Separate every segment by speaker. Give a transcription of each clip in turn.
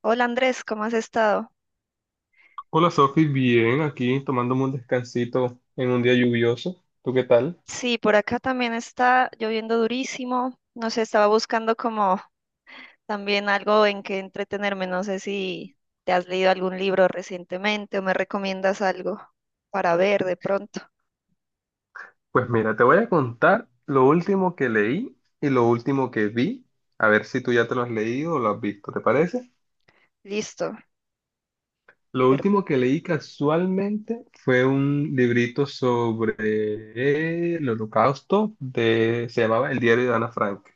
Speaker 1: Hola Andrés, ¿cómo has estado?
Speaker 2: Hola Sofi, bien, aquí tomándome un descansito en un día lluvioso. ¿Tú qué tal?
Speaker 1: Sí, por acá también está lloviendo durísimo. No sé, estaba buscando como también algo en que entretenerme. No sé si te has leído algún libro recientemente o me recomiendas algo para ver de pronto.
Speaker 2: Pues mira, te voy a contar lo último que leí y lo último que vi. A ver si tú ya te lo has leído o lo has visto, ¿te parece?
Speaker 1: Listo.
Speaker 2: Lo
Speaker 1: Pero,
Speaker 2: último que leí casualmente fue un librito sobre el Holocausto de, se llamaba El diario de Ana Frank.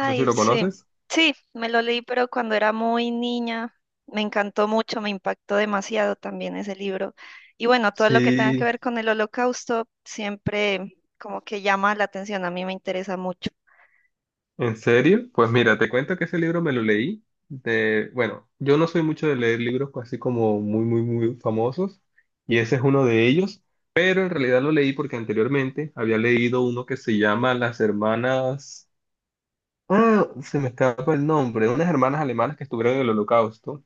Speaker 2: No sé si lo
Speaker 1: sí,
Speaker 2: conoces.
Speaker 1: sí, me lo leí, pero cuando era muy niña me encantó mucho, me impactó demasiado también ese libro. Y bueno, todo lo que tenga que
Speaker 2: Sí,
Speaker 1: ver con el holocausto siempre como que llama la atención, a mí me interesa mucho.
Speaker 2: ¿en serio? Pues mira, te cuento que ese libro me lo leí de, bueno, yo no soy mucho de leer libros así como muy, muy, muy famosos, y ese es uno de ellos, pero en realidad lo leí porque anteriormente había leído uno que se llama Las hermanas, se me escapa el nombre, unas hermanas alemanas que estuvieron en el Holocausto,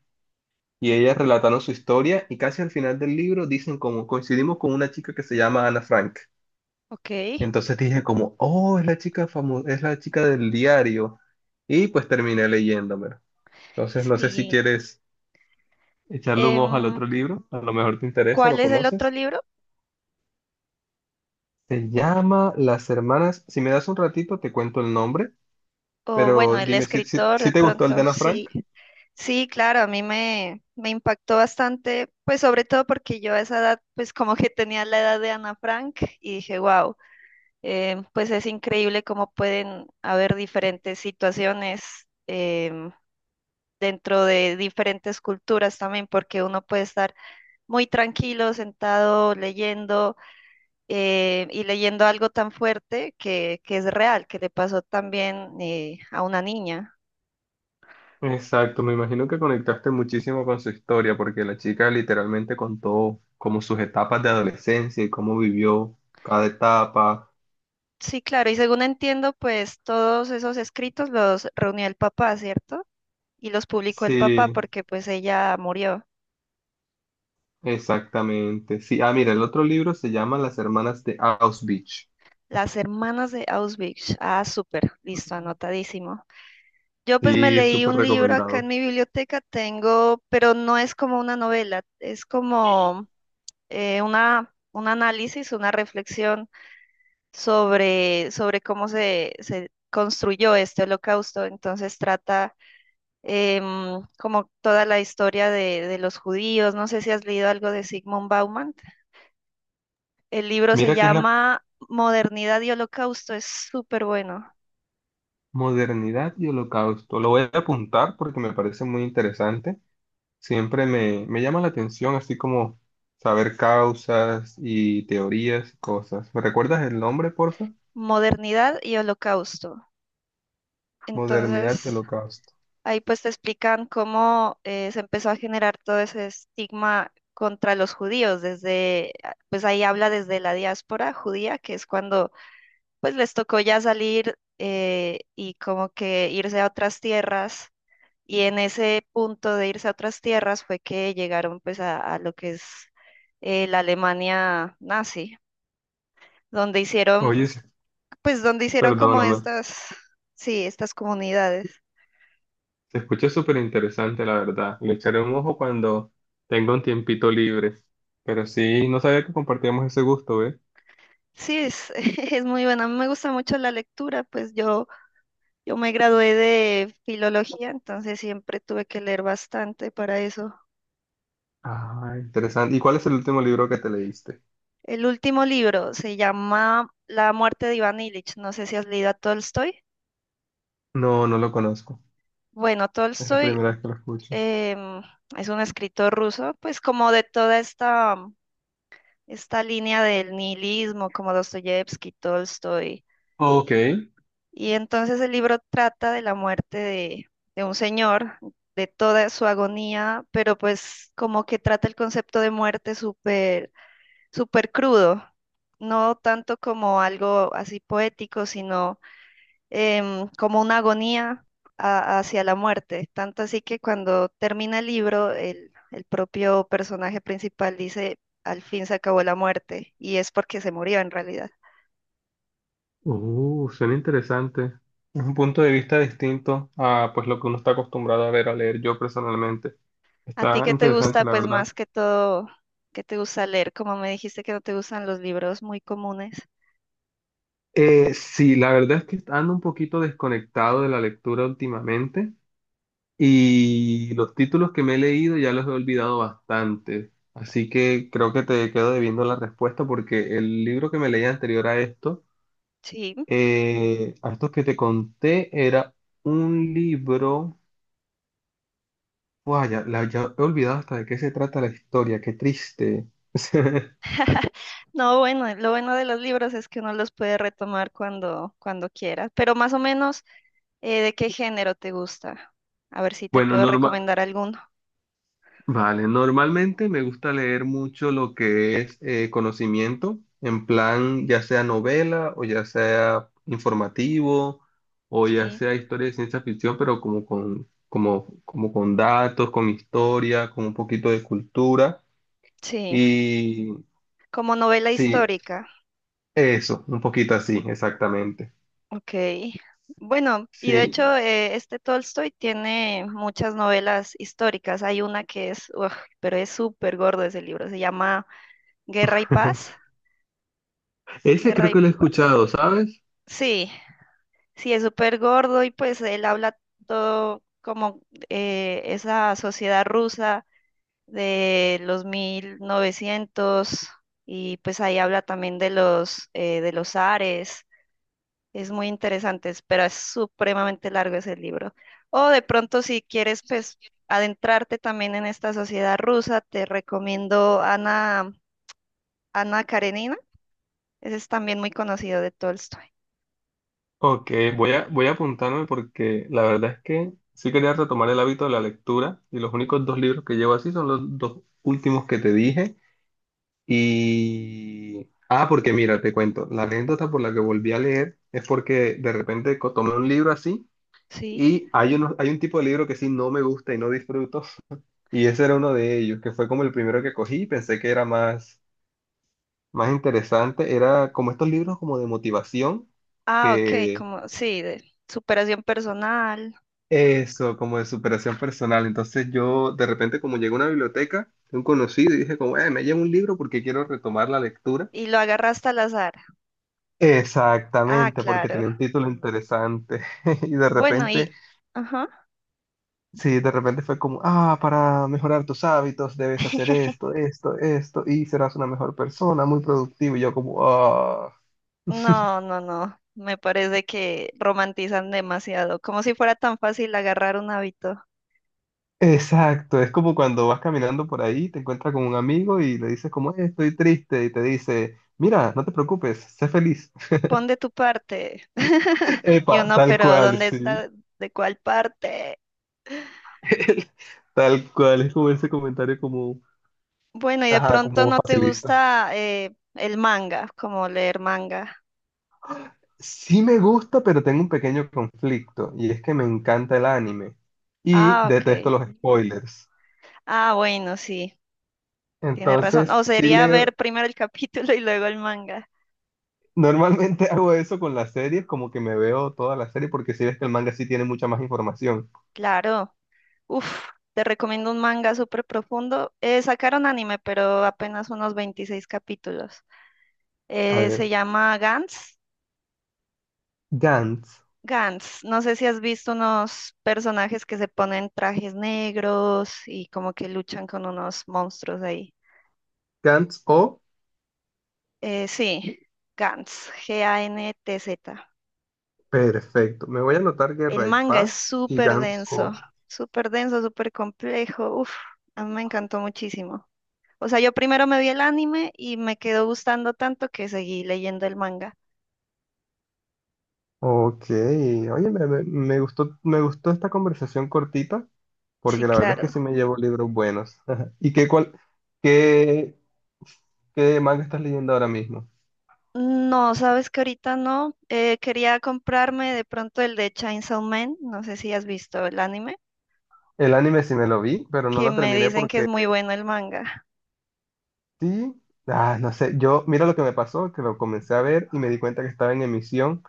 Speaker 2: y ellas relataron su historia, y casi al final del libro dicen como coincidimos con una chica que se llama Ana Frank.
Speaker 1: Ok,
Speaker 2: Entonces dije como, oh, es la chica famosa, es la chica del diario. Y pues terminé leyéndomelo. Entonces no sé si
Speaker 1: sí.
Speaker 2: quieres echarle un ojo al
Speaker 1: Em,
Speaker 2: otro libro, a lo mejor te interesa,
Speaker 1: ¿Cuál
Speaker 2: lo
Speaker 1: es el otro
Speaker 2: conoces.
Speaker 1: libro?
Speaker 2: Se llama Las Hermanas, si me das un ratito te cuento el nombre,
Speaker 1: O bueno,
Speaker 2: pero
Speaker 1: el
Speaker 2: dime si, si,
Speaker 1: escritor de
Speaker 2: si te gustó el de
Speaker 1: pronto,
Speaker 2: Ana
Speaker 1: sí.
Speaker 2: Frank.
Speaker 1: Sí, claro, a mí me impactó bastante, pues sobre todo porque yo a esa edad, pues como que tenía la edad de Ana Frank y dije, wow, pues es increíble cómo pueden haber diferentes situaciones em, dentro de diferentes culturas también, porque uno puede estar muy tranquilo, sentado, leyendo y leyendo algo tan fuerte que es real, que le pasó también a una niña.
Speaker 2: Exacto, me imagino que conectaste muchísimo con su historia, porque la chica literalmente contó como sus etapas de adolescencia y cómo vivió cada etapa.
Speaker 1: Sí, claro, y según entiendo, pues todos esos escritos los reunió el papá, ¿cierto? Y los publicó el papá
Speaker 2: Sí,
Speaker 1: porque pues ella murió.
Speaker 2: exactamente. Sí, ah, mira, el otro libro se llama Las hermanas de Auschwitz.
Speaker 1: Las hermanas de Auschwitz. Ah, súper, listo, anotadísimo. Yo pues me
Speaker 2: Sí, es
Speaker 1: leí
Speaker 2: súper
Speaker 1: un libro acá en
Speaker 2: recomendado.
Speaker 1: mi biblioteca, tengo, pero no es como una novela, es como un análisis, una reflexión sobre cómo se construyó este holocausto. Entonces trata como toda la historia de los judíos. No sé si has leído algo de Sigmund Bauman. El libro se
Speaker 2: Mira que es la
Speaker 1: llama Modernidad y Holocausto. Es súper bueno.
Speaker 2: modernidad y holocausto. Lo voy a apuntar porque me parece muy interesante. Siempre me, me llama la atención, así como saber causas y teorías y cosas. ¿Me recuerdas el nombre, porfa?
Speaker 1: Modernidad y Holocausto. Entonces,
Speaker 2: Modernidad y holocausto.
Speaker 1: ahí pues te explican cómo se empezó a generar todo ese estigma contra los judíos, desde, pues ahí habla desde la diáspora judía, que es cuando pues les tocó ya salir y como que irse a otras tierras. Y en ese punto de irse a otras tierras fue que llegaron pues a lo que es la Alemania nazi, donde hicieron,
Speaker 2: Oye, sí,
Speaker 1: pues donde hicieron como
Speaker 2: perdóname.
Speaker 1: estas, sí, estas comunidades.
Speaker 2: Se escucha súper interesante, la verdad. Le echaré un ojo cuando tenga un tiempito libre. Pero sí, no sabía que compartíamos ese gusto, ¿eh?
Speaker 1: Sí, es, es muy buena. A mí me gusta mucho la lectura, pues yo me gradué de filología, entonces siempre tuve que leer bastante para eso.
Speaker 2: Ah, interesante. ¿Y cuál es el último libro que te leíste?
Speaker 1: El último libro se llama La muerte de Iván Ilich. No sé si has leído a Tolstoy.
Speaker 2: No, no lo conozco.
Speaker 1: Bueno,
Speaker 2: Es la
Speaker 1: Tolstoy
Speaker 2: primera vez que lo escucho.
Speaker 1: em, es un escritor ruso, pues como de toda esta línea del nihilismo, como Dostoyevsky, Tolstoy.
Speaker 2: Ok.
Speaker 1: Y entonces el libro trata de la muerte de un señor, de toda su agonía, pero pues como que trata el concepto de muerte súper, súper crudo, no tanto como algo así poético, sino como una agonía hacia la muerte. Tanto así que cuando termina el libro, el propio personaje principal dice, al fin se acabó la muerte, y es porque se murió en realidad.
Speaker 2: Suena interesante. Es un punto de vista distinto a pues lo que uno está acostumbrado a ver, a leer yo personalmente.
Speaker 1: ¿A ti
Speaker 2: Está
Speaker 1: qué te gusta,
Speaker 2: interesante, la
Speaker 1: pues
Speaker 2: verdad.
Speaker 1: más que todo, qué te gusta leer? Como me dijiste que no te gustan los libros muy comunes.
Speaker 2: Sí, la verdad es que ando un poquito desconectado de la lectura últimamente. Y los títulos que me he leído ya los he olvidado bastante, así que creo que te quedo debiendo la respuesta porque el libro que me leí anterior a esto,
Speaker 1: Sí.
Speaker 2: a estos que te conté, era un libro... Guau, ya, ya he olvidado hasta de qué se trata la historia, qué triste.
Speaker 1: No, bueno, lo bueno de los libros es que uno los puede retomar cuando quiera. Pero más o menos, ¿de qué género te gusta? A ver si te
Speaker 2: Bueno,
Speaker 1: puedo
Speaker 2: norma-
Speaker 1: recomendar alguno.
Speaker 2: Vale, normalmente me gusta leer mucho lo que es conocimiento, en plan ya sea novela o ya sea informativo o ya
Speaker 1: Sí.
Speaker 2: sea historia de ciencia ficción, pero como con datos, con historia, con un poquito de cultura.
Speaker 1: Sí,
Speaker 2: Y
Speaker 1: como novela
Speaker 2: sí,
Speaker 1: histórica.
Speaker 2: eso, un poquito así, exactamente.
Speaker 1: Ok. Bueno, y de
Speaker 2: Sí,
Speaker 1: hecho este Tolstoy tiene muchas novelas históricas. Hay una que es, uf, pero es súper gordo ese libro. Se llama Guerra y Paz.
Speaker 2: ese
Speaker 1: Guerra
Speaker 2: creo
Speaker 1: y
Speaker 2: que lo he
Speaker 1: Paz.
Speaker 2: escuchado, ¿sabes?
Speaker 1: Sí, sí, es súper gordo y pues él habla todo como esa sociedad rusa de los 1900 y pues ahí habla también de los zares. Es muy interesante, pero es supremamente largo ese libro. O de pronto, si quieres, pues, adentrarte también en esta sociedad rusa, te recomiendo Ana Karenina. Ese es también muy conocido de Tolstoy.
Speaker 2: Ok, voy a apuntarme porque la verdad es que sí quería retomar el hábito de la lectura y los únicos dos libros que llevo así son los dos últimos que te dije. Y... Ah, porque mira, te cuento, la anécdota por la que volví a leer es porque de repente tomé un libro así
Speaker 1: Sí.
Speaker 2: y hay un tipo de libro que sí no me gusta y no disfruto y ese era uno de ellos, que fue como el primero que cogí y pensé que era más interesante. Era como estos libros como de motivación
Speaker 1: Ah, ok,
Speaker 2: que
Speaker 1: como, sí, de superación personal.
Speaker 2: eso, como de superación personal. Entonces yo de repente como llegué a una biblioteca de un conocido y dije como, me llevo un libro porque quiero retomar la lectura.
Speaker 1: Y lo agarraste al azar. Ah,
Speaker 2: Exactamente, porque
Speaker 1: claro.
Speaker 2: tenía un título interesante. Y de
Speaker 1: Bueno,
Speaker 2: repente,
Speaker 1: y, ajá.
Speaker 2: sí, de repente fue como, ah, para mejorar tus hábitos debes hacer esto, esto, esto, y serás una mejor persona, muy productivo. Y yo como, ah.
Speaker 1: No, no, no. Me parece que romantizan demasiado, como si fuera tan fácil agarrar un hábito.
Speaker 2: Exacto, es como cuando vas caminando por ahí, te encuentras con un amigo y le dices como, estoy triste", y te dice, mira, no te preocupes, sé feliz.
Speaker 1: Pon de tu parte. Y
Speaker 2: Epa,
Speaker 1: uno,
Speaker 2: tal
Speaker 1: pero
Speaker 2: cual,
Speaker 1: ¿dónde
Speaker 2: sí.
Speaker 1: está? ¿De cuál parte?
Speaker 2: Tal cual, es como ese comentario como,
Speaker 1: Bueno, y de
Speaker 2: ajá,
Speaker 1: pronto
Speaker 2: como
Speaker 1: no te
Speaker 2: facilista.
Speaker 1: gusta el manga, como leer manga.
Speaker 2: Sí me gusta, pero tengo un pequeño conflicto, y es que me encanta el anime y
Speaker 1: Ah,
Speaker 2: detesto
Speaker 1: ok.
Speaker 2: los spoilers.
Speaker 1: Ah, bueno, sí, tienes razón.
Speaker 2: Entonces,
Speaker 1: O
Speaker 2: sí
Speaker 1: sería
Speaker 2: leo,
Speaker 1: ver primero el capítulo y luego el manga.
Speaker 2: normalmente hago eso con las series, como que me veo toda la serie, porque si ves que el manga sí tiene mucha más información.
Speaker 1: Claro. Uf, te recomiendo un manga súper profundo. Sacaron anime, pero apenas unos 26 capítulos.
Speaker 2: A
Speaker 1: Se
Speaker 2: ver,
Speaker 1: llama Gantz.
Speaker 2: Gantz,
Speaker 1: Gantz, no sé si has visto unos personajes que se ponen trajes negros y como que luchan con unos monstruos ahí.
Speaker 2: Gantz O,
Speaker 1: Sí, Gantz, G-A-N-T-Z.
Speaker 2: perfecto. Me voy a anotar
Speaker 1: El
Speaker 2: Guerra y
Speaker 1: manga es
Speaker 2: Paz y
Speaker 1: súper
Speaker 2: Gantz O.
Speaker 1: denso, súper denso, súper complejo. Uf, a mí me encantó muchísimo. O sea, yo primero me vi el anime y me quedó gustando tanto que seguí leyendo el manga.
Speaker 2: Ok, oye, me gustó esta conversación cortita,
Speaker 1: Sí,
Speaker 2: porque la verdad es que
Speaker 1: claro.
Speaker 2: sí me llevo libros buenos. ¿Y qué, qué manga estás leyendo ahora mismo?
Speaker 1: No, sabes que ahorita no. Quería comprarme de pronto el de Chainsaw Man. No sé si has visto el anime.
Speaker 2: El anime sí me lo vi, pero no
Speaker 1: Que
Speaker 2: lo
Speaker 1: me
Speaker 2: terminé
Speaker 1: dicen que es
Speaker 2: porque
Speaker 1: muy bueno el manga.
Speaker 2: sí, ah, no sé, yo, mira lo que me pasó, que lo comencé a ver y me di cuenta que estaba en emisión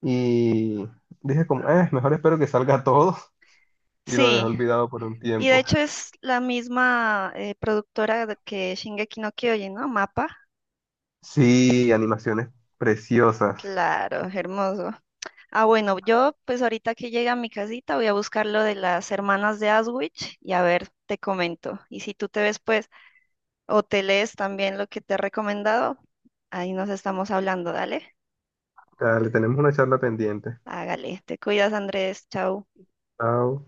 Speaker 2: y dije como, mejor espero que salga todo y lo dejé
Speaker 1: Sí,
Speaker 2: olvidado por un
Speaker 1: y de
Speaker 2: tiempo.
Speaker 1: hecho es la misma productora que Shingeki no Kyojin, ¿no? Mapa.
Speaker 2: Sí, animaciones preciosas.
Speaker 1: Claro, hermoso. Ah, bueno, yo pues ahorita que llegue a mi casita voy a buscar lo de las hermanas de Aswich y a ver, te comento. Y si tú te ves pues o te lees también lo que te he recomendado, ahí nos estamos hablando, dale.
Speaker 2: Dale, tenemos una charla pendiente.
Speaker 1: Hágale, te cuidas, Andrés, chao.
Speaker 2: Chao.